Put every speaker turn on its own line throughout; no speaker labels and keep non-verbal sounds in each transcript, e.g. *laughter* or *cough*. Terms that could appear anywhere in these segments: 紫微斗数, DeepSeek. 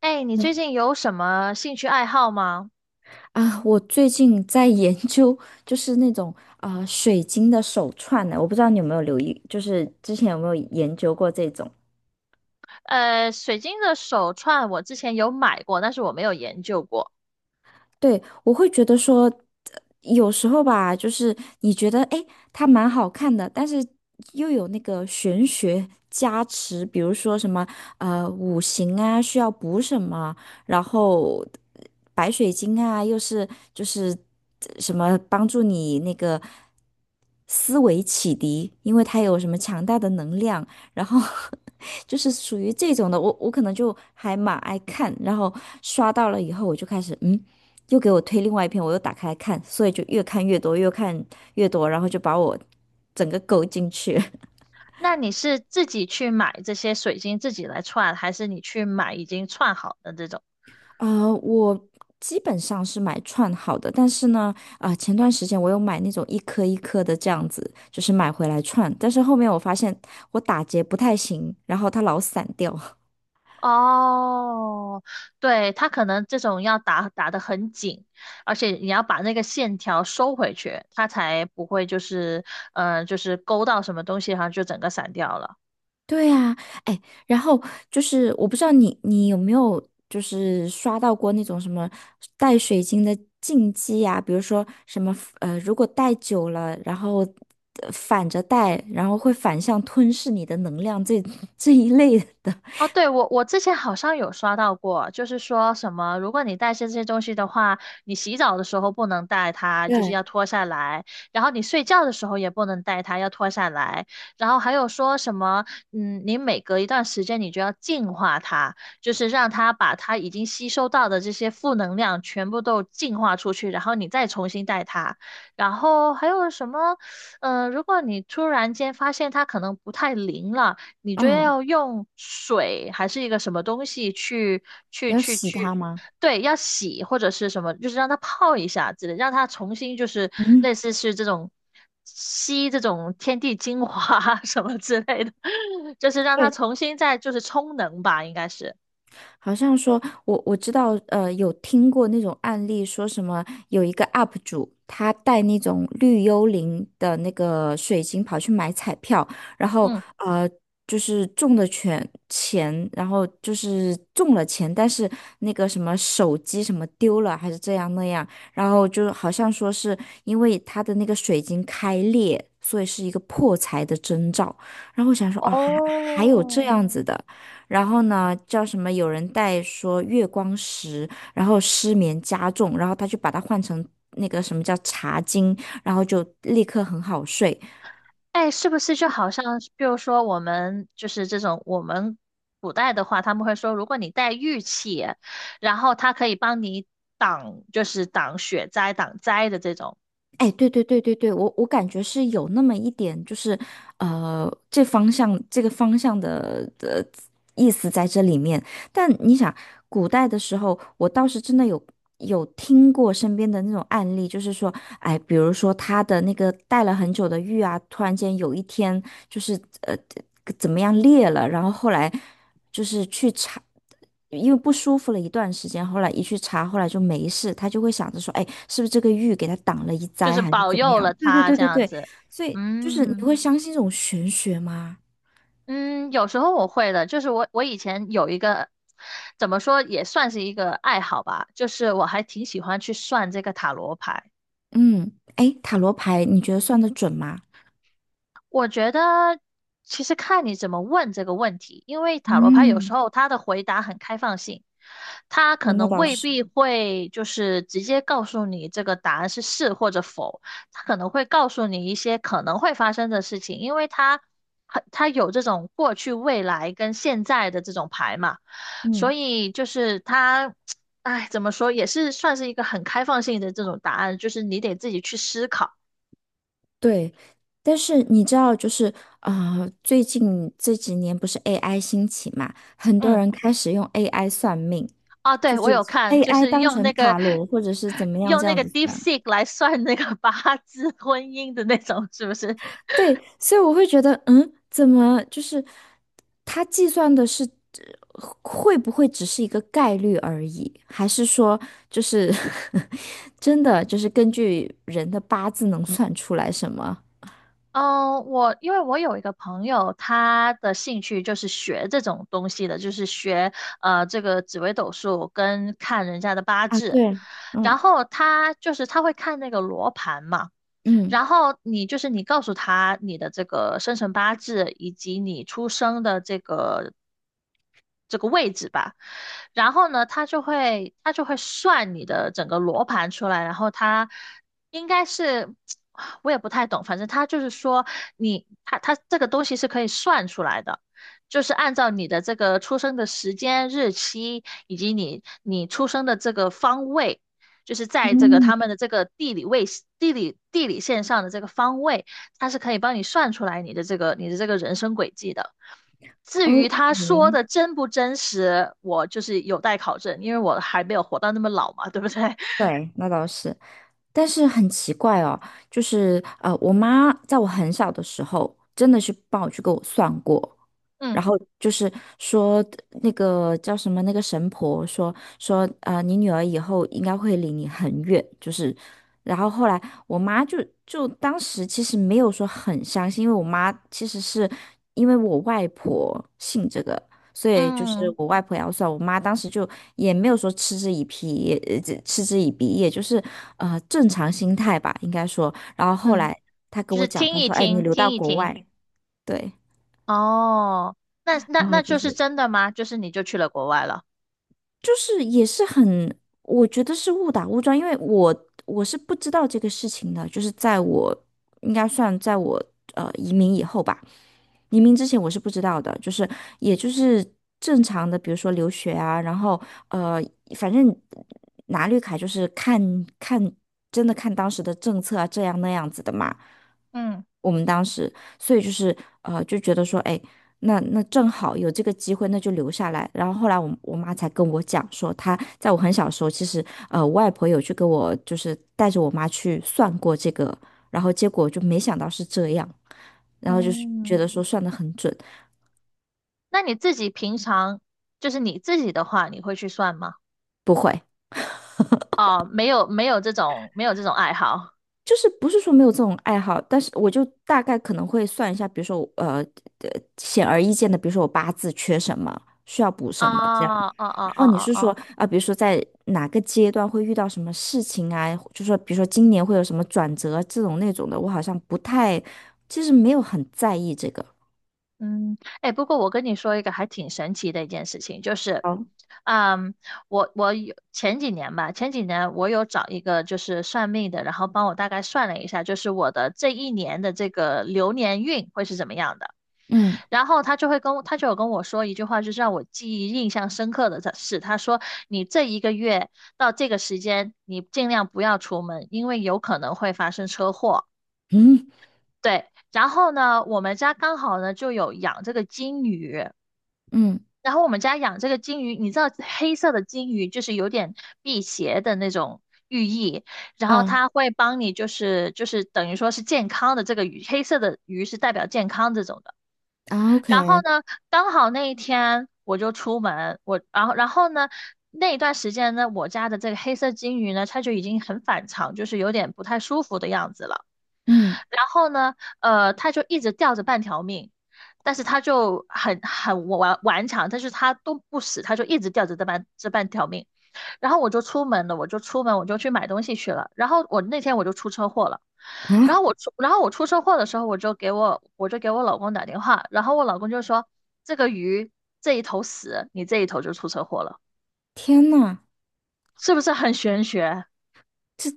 哎，你最
对
近有什么兴趣爱好吗？
啊，我最近在研究，就是那种水晶的手串呢，我不知道你有没有留意，就是之前有没有研究过这种？
水晶的手串我之前有买过，但是我没有研究过。
对，我会觉得说，有时候吧，就是你觉得诶，它蛮好看的，但是又有那个玄学加持，比如说什么五行啊需要补什么，然后白水晶啊又是就是什么帮助你那个思维启迪，因为它有什么强大的能量，然后 *laughs* 就是属于这种的，我可能就还蛮爱看，然后刷到了以后我就开始嗯。又给我推另外一篇，我又打开来看，所以就越看越多，越看越多，然后就把我整个勾进去。
那你是自己去买这些水晶自己来串，还是你去买已经串好的这种？
*laughs* 啊，我基本上是买串好的，但是呢，前段时间我有买那种一颗一颗的这样子，就是买回来串，但是后面我发现我打结不太行，然后它老散掉。*laughs*
哦，对，它可能这种要打打得很紧，而且你要把那个线条收回去，它才不会就是，就是勾到什么东西，然后就整个散掉了。
对呀，哎，然后就是我不知道你有没有就是刷到过那种什么带水晶的禁忌呀、比如说什么如果戴久了，然后反着戴，然后会反向吞噬你的能量这 *laughs* 这一类的。
哦，对，我之前好像有刷到过，就是说什么，如果你带这些东西的话，你洗澡的时候不能带它，就是
对。
要脱下来；然后你睡觉的时候也不能带它，要脱下来。然后还有说什么，嗯，你每隔一段时间你就要净化它，就是让它把它已经吸收到的这些负能量全部都净化出去，然后你再重新带它。然后还有什么，嗯，如果你突然间发现它可能不太灵了。你就
嗯。
要用水还是一个什么东西去，去
要洗它吗？
对，要洗或者是什么，就是让它泡一下之类，让它重新就是
嗯
类
嗯。
似是这种吸这种天地精华 *laughs* 什么之类的，就是让它
对，
重新再就是充能吧，应该是，
好像说，我知道，有听过那种案例，说什么有一个 UP 主，他带那种绿幽灵的那个水晶跑去买彩票，然后
嗯，
呃，就是中的全钱，然后就是中了钱，但是那个什么手机什么丢了，还是这样那样，然后就好像说是因为他的那个水晶开裂，所以是一个破财的征兆，然后我想说，哦，还还有这
哦，
样子的。然后呢，叫什么？有人带说月光石，然后失眠加重，然后他就把它换成那个什么叫茶精，然后就立刻很好睡。
哎，是不是就好像是比如说我们就是这种我们古代的话，他们会说，如果你带玉器，然后它可以帮你挡，就是挡雪灾、挡灾的这种，
哎，对对对对对，我我感觉是有那么一点，就是这方向这个方向的的意思在这里面。但你想，古代的时候，我倒是真的有听过身边的那种案例，就是说，哎，比如说他的那个戴了很久的玉啊，突然间有一天就是怎么样裂了，然后后来就是去查。因为不舒服了一段时间，后来一去查，后来就没事，他就会想着说，哎，是不是这个玉给他挡了一
就
灾，
是
还是
保
怎么
佑
样？
了
对对
他
对
这
对
样
对，
子。
所以就是你
嗯
会相信这种玄学吗？
嗯，有时候我会的，就是我以前有一个怎么说也算是一个爱好吧，就是我还挺喜欢去算这个塔罗牌。
嗯。哎，塔罗牌你觉得算得准吗？
我觉得其实看你怎么问这个问题，因为塔罗牌有时
嗯。
候它的回答很开放性，它可
哦那
能
倒
未
是。
必会就是直接告诉你这个答案是是或者否，它可能会告诉你一些可能会发生的事情，因为它很它有这种过去、未来跟现在的这种牌嘛，所
嗯。
以就是它，*tsk* 哎，怎么说也是算是一个很开放性的这种答案，就是你得自己去思考。
对。但是你知道，就是最近这几年不是 AI 兴起嘛，很多
嗯。
人开始用 AI 算命，
啊，
就
对，我
是
有看，就
AI
是
当成塔罗或者是怎么样
用
这
那
样
个
子算。
DeepSeek 来算那个八字婚姻的那种，是不是？
对，所以我会觉得，嗯，怎么就是他计算的是会不会只是一个概率而已，还是说就是 *laughs* 真的就是根据人的八字能算出来什么？
嗯，我因为我有一个朋友，他的兴趣就是学这种东西的，就是学这个紫微斗数跟看人家的八
啊，
字，
对，
然
嗯
后他就是他会看那个罗盘嘛。
嗯
然后你就是你告诉他你的这个生辰八字以及你出生的这个位置吧，然后呢，他就会算你的整个罗盘出来，然后他应该是 *tsk* 我也不太懂，反正他就是说你他这个东西是可以算出来的。就是按照你的这个出生的时间、日期，以及你出生的这个方位，就是在这个他
嗯，
们的这个地理线上的这个方位，它是可以帮你算出来你的这个人生轨迹的。至于他
，OK,
说的真不真实，我就是有待考证，因为我还没有活到那么老嘛，对不对？*laughs*
对，那倒是。但是很奇怪哦，就是我妈在我很小的时候，真的是帮我去给我算过，然
嗯
后就是说那个叫什么那个神婆说你女儿以后应该会离你很远，就是，然后后来我妈就就当时其实没有说很相信，因为我妈其实是因为我外婆信这个，所以就是
嗯
我外婆也要算，我妈当时就也没有说嗤之以鼻，也这嗤之以鼻，也就是正常心态吧，应该说。然后后
嗯，
来她跟
就
我
是
讲，
听
她
一
说："哎，你
听，
留到
听一
国
听。
外，对，
哦，那那
然后
那
就
就是
是
真的吗？就是你就去了国外了。
就是也是很，我觉得是误打误撞，因为我是不知道这个事情的，就是在我应该算在我移民以后吧。移民之前我是不知道的，就是也就是正常的，比如说留学啊，然后呃，反正拿绿卡就是看看真的看当时的政策啊，这样那样子的嘛。
嗯
我们当时，所以就是就觉得说，哎，那那正好有这个机会，那就留下来。然后后来我妈才跟我讲说，她在我很小的时候，其实我外婆有去跟我就是带着我妈去算过这个，然后结果就没想到是这样。然后就是觉
嗯，
得说算的很准，
那你自己平常就是你自己的话，你会去算吗？
不会，
哦，没有没有这种爱好。
就是不是说没有这种爱好，但是我就大概可能会算一下，比如说我呃显而易见的，比如说我八字缺什么，需要补
哦
什么这样。
哦哦
然
哦
后你
哦
是说
哦，
啊，比如说在哪个阶段会遇到什么事情啊，就说比如说今年会有什么转折这种那种的，我好像不太，其实没有很在意这个。
嗯，哎，不过我跟你说一个还挺神奇的一件事情，就是，
好。
嗯，我有前几年吧，前几年我有找一个就是算命的，然后帮我大概算了一下，就是我的这一年的这个流年运会是怎么样的。
嗯
然后他就有跟我说一句话，就是让我记忆印象深刻的是，他说你这一个月到这个时间，你尽量不要出门，因为有可能会发生车祸。
嗯
对，然后呢，我们家刚好呢就有养这个金鱼，
嗯
然后我们家养这个金鱼，你知道黑色的金鱼就是有点辟邪的那种寓意，然后
啊
它会帮你就是等于说是健康的这个鱼，黑色的鱼是代表健康这种的。
啊
然后
，OK,
呢，刚好那一天我就出门，我然后呢，那一段时间呢，我家的这个黑色金鱼呢，它就已经很反常，就是有点不太舒服的样子了。
嗯
然后呢，呃，它就一直吊着半条命，但是它就很顽强，但是它都不死，它就一直吊着这半条命。然后我就出门了，我就去买东西去了。然后我那天我就出车祸了。
啊，
然后我出车祸的时候，我就给我老公打电话，然后我老公就说这个鱼这一头死，你这一头就出车祸了，
天呐！
是不是很玄学？
这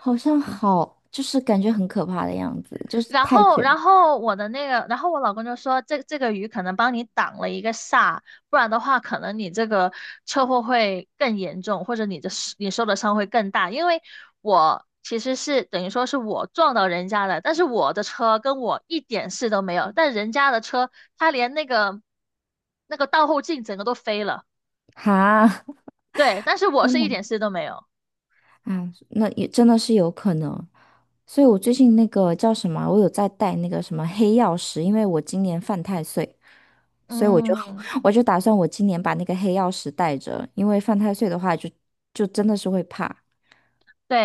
好像好，就是感觉很可怕的样子，就是太卷
然后我的那个，然后我老公就说，这个鱼可能帮你挡了一个煞，不然的话，可能你这个车祸会更严重，或者你受的伤会更大。因为我其实是等于说是我撞到人家的，但是我的车跟我一点事都没有，但人家的车，他连那个倒后镜整个都飞了，
哈，*laughs*
对，但是我
天
是
呐，
一点事都没有。
啊，那也真的是有可能。所以我最近那个叫什么啊，我有在带那个什么黑曜石，因为我今年犯太岁，所以我就
嗯，
*laughs* 我就打算我今年把那个黑曜石带着，因为犯太岁的话就就真的是会怕，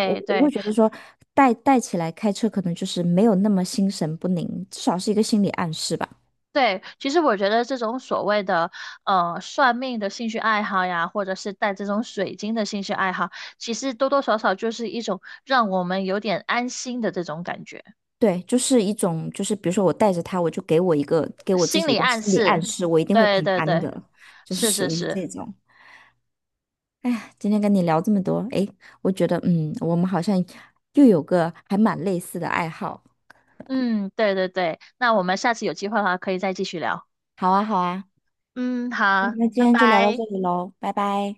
我我会
对。
觉得说带带起来开车可能就是没有那么心神不宁，至少是一个心理暗示吧。
对，其实我觉得这种所谓的算命的兴趣爱好呀，或者是带这种水晶的兴趣爱好，其实多多少少就是一种让我们有点安心的这种感觉，
对，就是一种，就是比如说我带着他，我就给我一个给我自
心
己一
理
个
暗
心理暗
示。
示，我一定会
对
平
对
安
对，
的，就是
是是
属于这
是，
种。哎呀，今天跟你聊这么多，哎，我觉得嗯，我们好像又有个还蛮类似的爱好。
嗯，对对对。那我们下次有机会的话，可以再继续聊。
好啊，好啊，
嗯，好，
那今
拜
天就聊到
拜。
这里喽，拜拜。